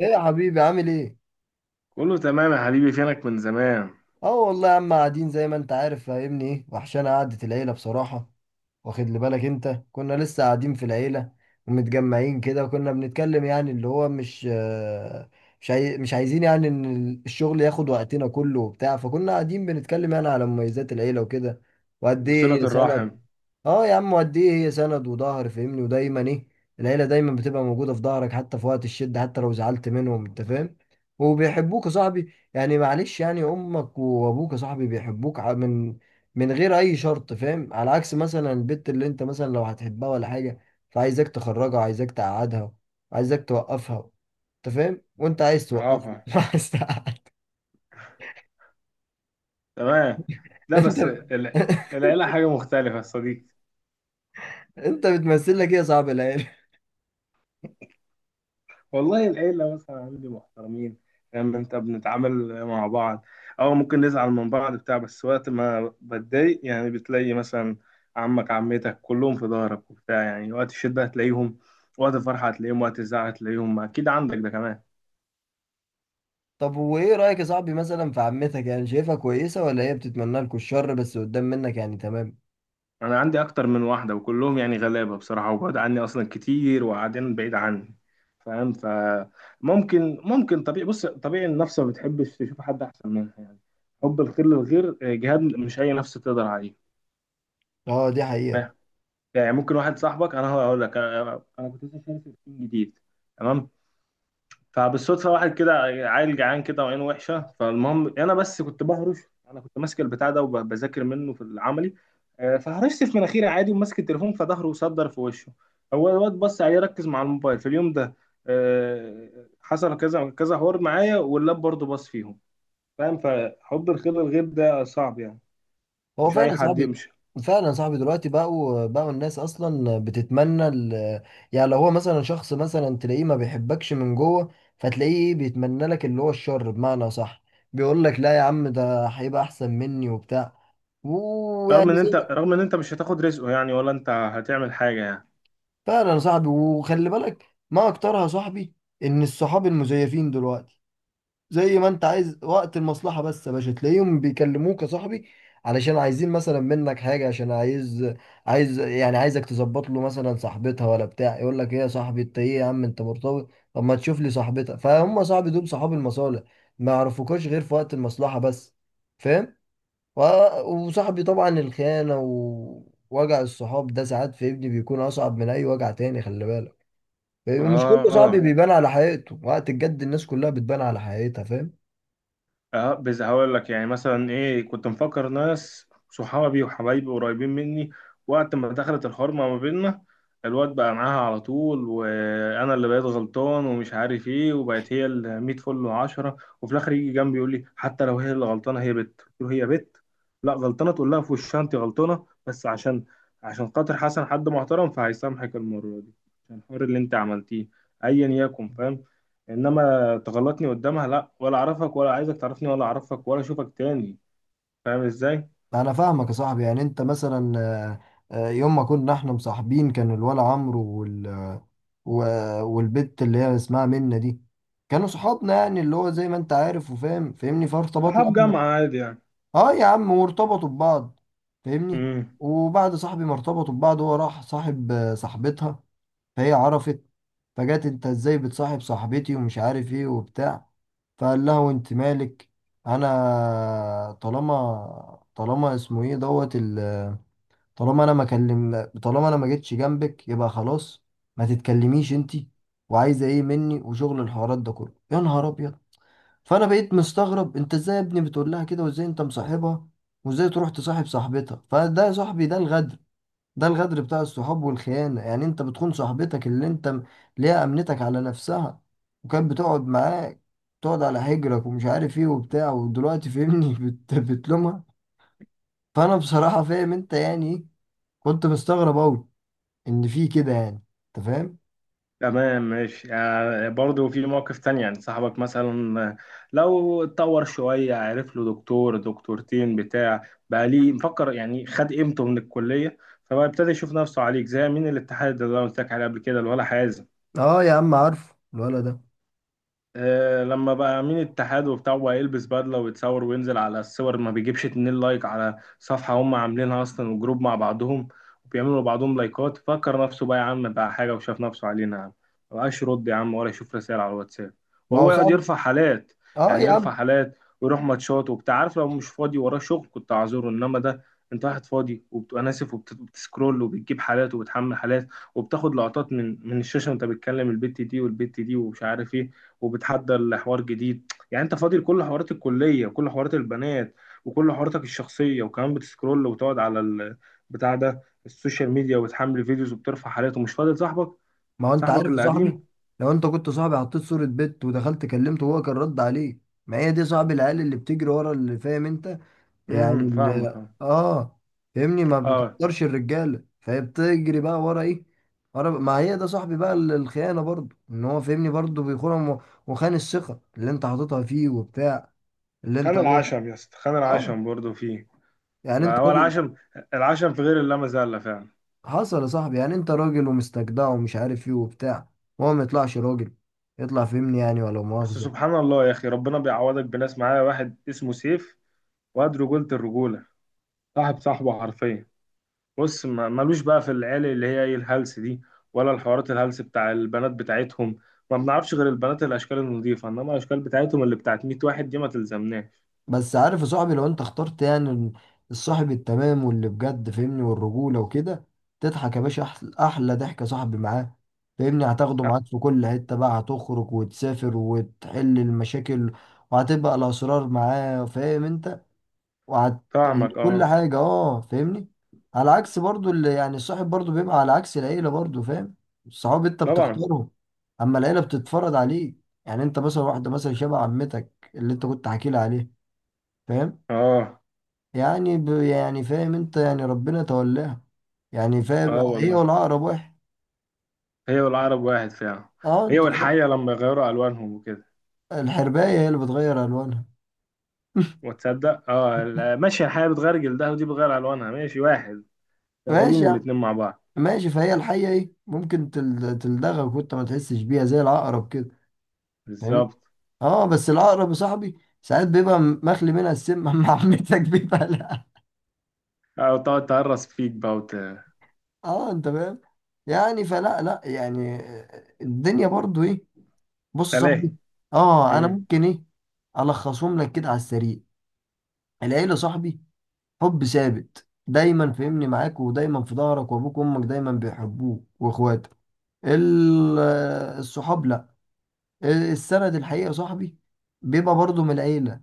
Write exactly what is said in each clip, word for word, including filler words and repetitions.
ايه يا حبيبي عامل ايه؟ كله تمام يا حبيبي. فينك من زمان؟ اه والله يا عم، قاعدين زي ما انت عارف، فاهمني؟ ايه وحشانة قعدة العيلة بصراحة. واخد لي بالك انت؟ كنا لسه قاعدين في العيلة ومتجمعين كده، وكنا بنتكلم يعني اللي هو مش آه، مش عاي... مش عايزين يعني ان الشغل ياخد وقتنا كله وبتاع، فكنا قاعدين بنتكلم يعني على مميزات العيلة وكده، وقد وصلة ايه هي الرحم. سنة. اه يا عم، قد ايه هي سند وظهر، فاهمني؟ ودايما ايه، العيله دايما بتبقى موجوده في ظهرك، حتى في وقت الشده، حتى لو زعلت منهم، انت فاهم؟ وبيحبوك يا صاحبي، يعني معلش، يعني امك وابوك يا صاحبي بيحبوك ع- من من غير اي شرط، فاهم؟ على عكس مثلا البت اللي انت مثلا لو هتحبها ولا حاجه، فعايزك تخرجها، عايزك تقعدها، عايزك توقفها، انت فاهم؟ وانت عايز توقفها عافا. مش عايز تقعد- تمام. لا، انت بس ال- العيلة حاجة مختلفة يا صديقي. انت بتمثل لك ايه يا صاحبي العيله؟ والله العيلة مثلا عندي محترمين. فاهم انت، بنتعامل مع بعض او ممكن نزعل من بعض بتاع، بس وقت ما بتضايق يعني بتلاقي مثلا عمك، عمتك، كلهم في ظهرك وبتاع. يعني وقت الشدة هتلاقيهم، وقت الفرحة هتلاقيهم، وقت الزعل هتلاقيهم، اكيد عندك ده كمان. طب وايه رأيك يا صاحبي مثلا في عمتك؟ يعني شايفها كويسة، ولا هي بتتمنى لكم الشر بس قدام منك يعني؟ تمام. انا عندي اكتر من واحده وكلهم يعني غلابه بصراحه، وبعد عني اصلا كتير وقاعدين بعيد عني. فاهم؟ فممكن ممكن طبيعي، بص طبيعي، النفس ما بتحبش تشوف حد احسن منها يعني. حب الخير للغير آه، جهاد، مش اي نفس تقدر عليه. اه، دي حقيقة. فاهم؟ يعني ممكن واحد صاحبك. انا هقول لك، انا أنا كنت لسه شاري في تيم جديد. تمام. فبالصدفه واحد كده، عيل جعان كده وعينه وحشه. فالمهم انا بس كنت بهرش، انا كنت ماسك البتاع ده وبذاكر منه في العملي. آه، فهرشت في مناخيري عادي وماسك التليفون، فظهره صدر في وشه. هو الواد بص عليه، ركز مع الموبايل في اليوم ده. آه، حصل كذا كذا حوار معايا، واللاب برضه بص فيهم. فاهم؟ فحب الخير الغيب ده صعب يعني. هو مش اي فعلا حد صاحبي، يمشي. فعلا صاحبي. دلوقتي بقوا بقوا الناس اصلا بتتمنى ال... يعني لو هو مثلا شخص مثلا تلاقيه ما بيحبكش من جوه، فتلاقيه بيتمنى لك اللي هو الشر، بمعنى صح، بيقول لك لا يا عم، ده هيبقى احسن مني وبتاع، رغم ويعني ان زي انت ما- رغم ان انت مش هتاخد رزقه يعني، ولا انت هتعمل حاجه يعني. فعلا صاحبي، وخلي بالك ما اكترها صاحبي، ان الصحاب المزيفين دلوقتي زي ما انت عايز، وقت المصلحة بس يا باشا تلاقيهم بيكلموك يا صاحبي، علشان عايزين مثلا منك حاجة، عشان عايز عايز يعني عايزك تظبط له مثلا صاحبتها ولا بتاع، يقول لك ايه يا صاحبي، انت ايه يا عم، انت مرتبط، طب ما تشوف لي صاحبتها، فهم صاحبي، دول صحاب المصالح، ما يعرفوكوش غير في وقت المصلحة بس، فاهم؟ و- وصاحبي طبعا الخيانة ووجع الصحاب ده، ساعات في ابني بيكون أصعب من أي وجع تاني، خلي بالك. ومش كل اه. صاحبي آه. بيبان على حقيقته، وقت الجد الناس كلها بتبان على حقيقتها، فاهم؟ اه، بس هقول لك يعني مثلا ايه. كنت مفكر ناس صحابي وحبايبي قريبين مني، وقت ما دخلت الحرمة ما بيننا الواد بقى معاها على طول، وانا اللي بقيت غلطان ومش عارف ايه، وبقت هي ال مية فل وعشرة. وفي الاخر يجي جنبي يقول لي حتى لو هي اللي غلطانه، هي بت، قلت له هي بت لا غلطانه، تقول لها في وشها انت غلطانه، بس عشان، عشان خاطر حسن حد محترم فهيسامحك المره دي، عشان الحوار اللي انت عملتيه ايا يكن. فاهم؟ انما تغلطني قدامها، لا، ولا اعرفك ولا عايزك تعرفني، ولا اعرفك ولا اشوفك تاني. فاهم ازاي؟ انا فاهمك يا صاحبي، يعني انت مثلا آه، آه، يوم ما كنا احنا مصاحبين، كان الولا عمرو وال... و- والبت اللي هي اسمها منة دي، كانوا صحابنا، يعني اللي هو زي ما انت عارف وفاهم، فاهمني؟ فارتبطنا صحاب احنا، جامعة عادي يعني. اه يا عم، وارتبطوا ببعض، فاهمني؟ امم. وبعد صاحبي ما ارتبطوا ببعض، هو راح صاحب آه، صاحبتها، فهي عرفت، فجت انت ازاي بتصاحب صاحبتي ومش عارف ايه وبتاع، فقال لها وانت مالك، انا طالما طالما اسمه ايه دوت ال، طالما انا ما كلم، طالما انا ما جيتش جنبك، يبقى خلاص ما تتكلميش انتي، وعايزه ايه مني، وشغل الحوارات ده كله، يا نهار ابيض. فانا بقيت مستغرب، انت ازاي يا ابني بتقول لها كده، وازاي انت مصاحبها، وازاي تروح تصاحب صاحبتها، فده يا صاحبي ده الغدر، ده الغدر بتاع الصحاب والخيانه، يعني انت بتخون صاحبتك اللي انت م- ليها، امنتك على نفسها وكانت بتقعد معاك، تقعد على حجرك ومش عارف ايه وبتاع، ودلوقتي فهمني بت... بتلومها. فانا بصراحه فاهم انت يعني ايه، كنت مستغرب اوي ان في كده يعني، انت فاهم. تمام، ماشي يعني. برضه في مواقف تانية، يعني صاحبك مثلا لو اتطور شوية، عرف له دكتور دكتورتين بتاع، بقى ليه مفكر يعني، خد قيمته من الكلية، فبقى ابتدى يشوف نفسه عليك. زي مين؟ الاتحاد اللي انا قلت لك عليه قبل كده، اللي ولا حازم. اه يا عم، عارفه الولد ده. آه، لما بقى امين اتحاد وبتاع، وبقى يلبس بدله ويتصور وينزل على الصور، ما بيجيبش اتنين لايك على صفحه هم عاملينها اصلا، وجروب مع بعضهم وبيعملوا لبعضهم لايكات، فكر نفسه بقى يا عم بقى حاجه وشاف نفسه علينا يا عم. ما بقاش يرد يا عم، ولا يشوف رسائل على الواتساب، ما هو وهو يقعد صاحبي. يرفع حالات. اه يعني يا يرفع عم، حالات ويروح ماتشات وبتاع. عارف، لو مش فاضي وراه شغل كنت اعذره، انما ده انت واحد فاضي، وبتبقى ناسف وبتسكرول وبتجيب حالات وبتحمل حالات، وبتاخد لقطات من من الشاشه وانت بتكلم البت دي والبت دي ومش عارف ايه، وبتحدى لحوار جديد. يعني انت فاضي لكل حوارات الكليه وكل حوارات البنات وكل حواراتك الشخصيه، وكمان بتسكرول وتقعد على البتاع ده، السوشيال ميديا، وتحمل فيديوز وبترفع حالات ومش فاضي لصاحبك، ما هو انت صاحبك عارف يا اللي صاحبي، قديم. لو انت كنت صاحبي، حطيت صورة بنت، ودخلت كلمته وهو كان رد عليه. ما هي دي صاحب العيال، اللي بتجري ورا اللي فاهم انت، يعني امم فاهمك اللي اه. اه فاهمني، ما آه. بتقدرش الرجالة، فهي بتجري بقى ورا ايه؟ ورا، ما هي ده صاحبي بقى، ال- الخيانة برضه، ان هو فاهمني برضه بيخونهم، و- وخان الثقة اللي انت حاططها فيه وبتاع، اللي انت خان هو، العشم يا اسطى، خان اه، العشم برضه فيه. يعني لا، انت هو راجل. العشم، العشم في غير اللامة زالة فعلا. حصل يا صاحبي، يعني انت راجل ومستجدع ومش عارف ايه وبتاع، وهو ما يطلعش راجل، يطلع فهمني يعني، ولا بس مؤاخذة. سبحان الله يا اخي، ربنا بيعوضك بناس. معايا واحد اسمه سيف، واد رجولة الرجولة، صاحب صاحبه حرفيا. بص، ما- مالوش بقى في العيال اللي هي ايه، الهلس دي، ولا الحوارات الهلس بتاع البنات بتاعتهم. ما بنعرفش غير البنات الاشكال النظيفه، انما الاشكال بتاعتهم اللي بتاعت مية واحد دي ما تلزمناش. بس عارف يا صاحبي، لو انت اخترت يعني الصاحب التمام، واللي بجد فهمني والرجولة وكده، تضحك يا باشا، احلى, أحلى ضحك يا صاحبي معاه، فهمني هتاخده آه، معاك في كل حتة بقى، هتخرج وتسافر وتحل المشاكل، وهتبقى الأسرار معاه، فاهم انت؟ وعت... يعني فاهمك كل اه. حاجة، اه فاهمني. على عكس برضو اللي يعني الصاحب برضو، بيبقى على عكس العيلة برضو، فاهم؟ الصحاب انت طبعا. بتختارهم، اما العيلة بتتفرض عليك، يعني انت مثلا واحدة مثلا شبه عمتك اللي انت كنت حكي لي عليه، فاهم؟ اه. يعني ب... يعني فاهم انت، يعني ربنا تولاها، يعني فاهم، اه هي والله. والعقرب واحد، هي والعرب واحد فعلا. اه هي انت فاهم. والحيه لما يغيروا الوانهم وكده. الحرباية هي اللي بتغير الوانها وتصدق اه؟ لا، ماشي، الحيه بتغير جلدها ودي بتغير الوانها، ماشي واحد. ماشي شغالين يعني، الاتنين مع بعض. ماشي، فهي الحية ايه، ممكن تل- تلدغك وانت ما تحسش بيها زي العقرب كده، فاهمني؟ بالظبط. اه بس العقرب يا صاحبي، ساعات بيبقى مخلي منها السم مع عمتك بيبقى لا. اه، وتقعد تهرس فيك بقى وت... اه انت فاهم، يعني فلا لا يعني، الدنيا برضو ايه، بص يا صاحبي، تلاهي. اه انا مم. ممكن ايه، الخصهم لك كده على السريع. العيله صاحبي حب ثابت دايما، فهمني معاك ودايما في ظهرك، وابوك وامك دايما بيحبوك واخواتك. ال- الصحاب لا، السند الحقيقه صاحبي بيبقى برضو من العيله،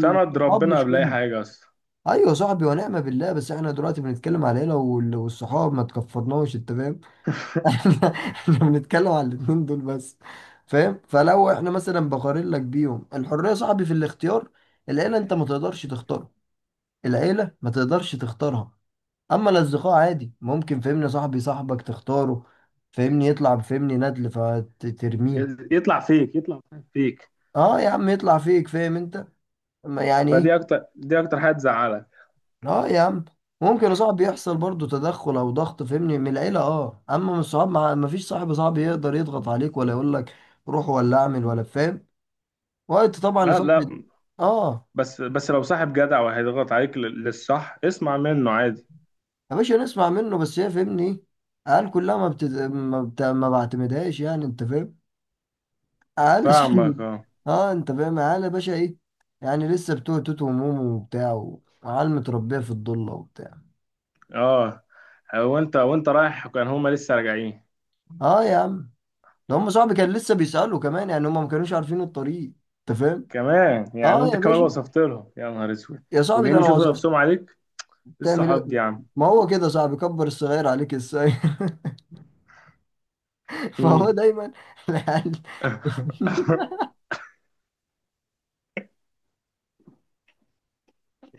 سند ربنا مش قبل اي كله. حاجه اصلا. ايوه صاحبي ونعم بالله، بس احنا دلوقتي بنتكلم على العيله وال- والصحاب، ما تكفرناش انت فاهم، احنا احنا بنتكلم على الاتنين دول بس، فاهم؟ فلو احنا مثلا بقارن لك بيهم، الحريه صاحبي في الاختيار، العيله انت ما تقدرش تختارها، العيله ما تقدرش تختارها، اما الاصدقاء عادي ممكن، فهمني صاحبي، صاحبك تختاره، فهمني يطلع، فهمني ندل فترميه. يطلع فيك، يطلع فيك. اه يا عم، يطلع فيك، فاهم انت؟ ما يعني إيه؟ فدي اكتر دي اكتر حاجه تزعلك. اه يا عم، ممكن يا صاحبي يحصل برضو تدخل او ضغط فهمني من العيله، اه، اما من الصحاب ما ما فيش صاحب صاحب يقدر يضغط عليك ولا يقول لك روح ولا اعمل ولا فاهم، وقت طبعا يا لا، صاحبي. لا. اه بس بس لو صاحب جدع وهيضغط عليك لل- للصح، اسمع منه عادي. يا باشا، نسمع منه، بس هي فهمني، قال كلها ما بت... ما, بت... ما بعتمدهاش يعني، انت فاهم، قال يا صاحبي، فاهمك اه. اه انت فاهم، قال يا باشا ايه، يعني لسه بتوع توت ومومو وبتاع، وعيال متربيه في الضله وبتاع. اه، وانت وانت رايح كان هما لسه راجعين. اه يا عم، ده هم صاحبي كان لسه بيسالوا كمان، يعني هم ما كانوش عارفين الطريق، انت فاهم. كمان يعني؟ اه انت يا كمان باشا، وصفت لهم؟ يا نهار اسود. يا صاحبي ده وجايين انا يشوفوا وصفت، نفسهم عليك. إيه تعمل ايه؟ الصحاب دي يا عم! ما هو كده صاحبي، كبر الصغير عليك ازاي، فهو مم. دايما العيال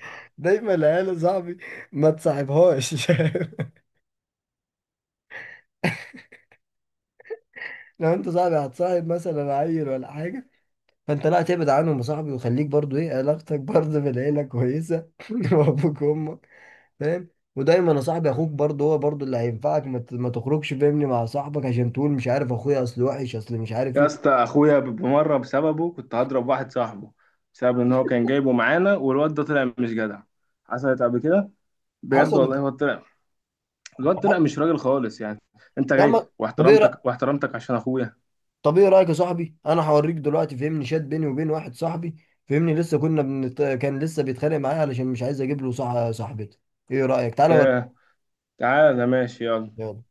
دايما العيال يا صاحبي، ما تصاحبهاش لو انت صاحبي هتصاحب مثلا عيل ولا حاجه، فانت لا تبعد عنهم يا صاحبي، وخليك برضو ايه علاقتك برضو بالعيله كويسه وابوك وامك، فاهم؟ ودايما يا صاحبي، اخوك برضه هو برضه اللي هينفعك، ما ت- ما تخرجش فاهمني مع صاحبك، عشان تقول مش عارف، اخويا اصل وحش، اصل مش عارف يا ايه. اسطى، اخويا بمره بسببه كنت هضرب واحد صاحبه، بسبب ان هو كان جايبه معانا والواد ده طلع مش جدع. حصلت قبل كده، بجد والله. حصلت هو طلع، الواد طلع مش راجل خالص يعني. انت يا عم، جاي طب ايه واحترمتك رأ- واحترمتك عشان اخويا. طب ايه رايك يا صاحبي، انا هوريك دلوقتي فهمني شات بيني وبين واحد صاحبي، فهمني لسه كنا بنت... كان لسه بيتخانق معايا علشان مش عايز اجيب له صح... صاحبتي. ايه رايك، تعالى اوريك، ياه. تعالى ماشي، يلا. يلا.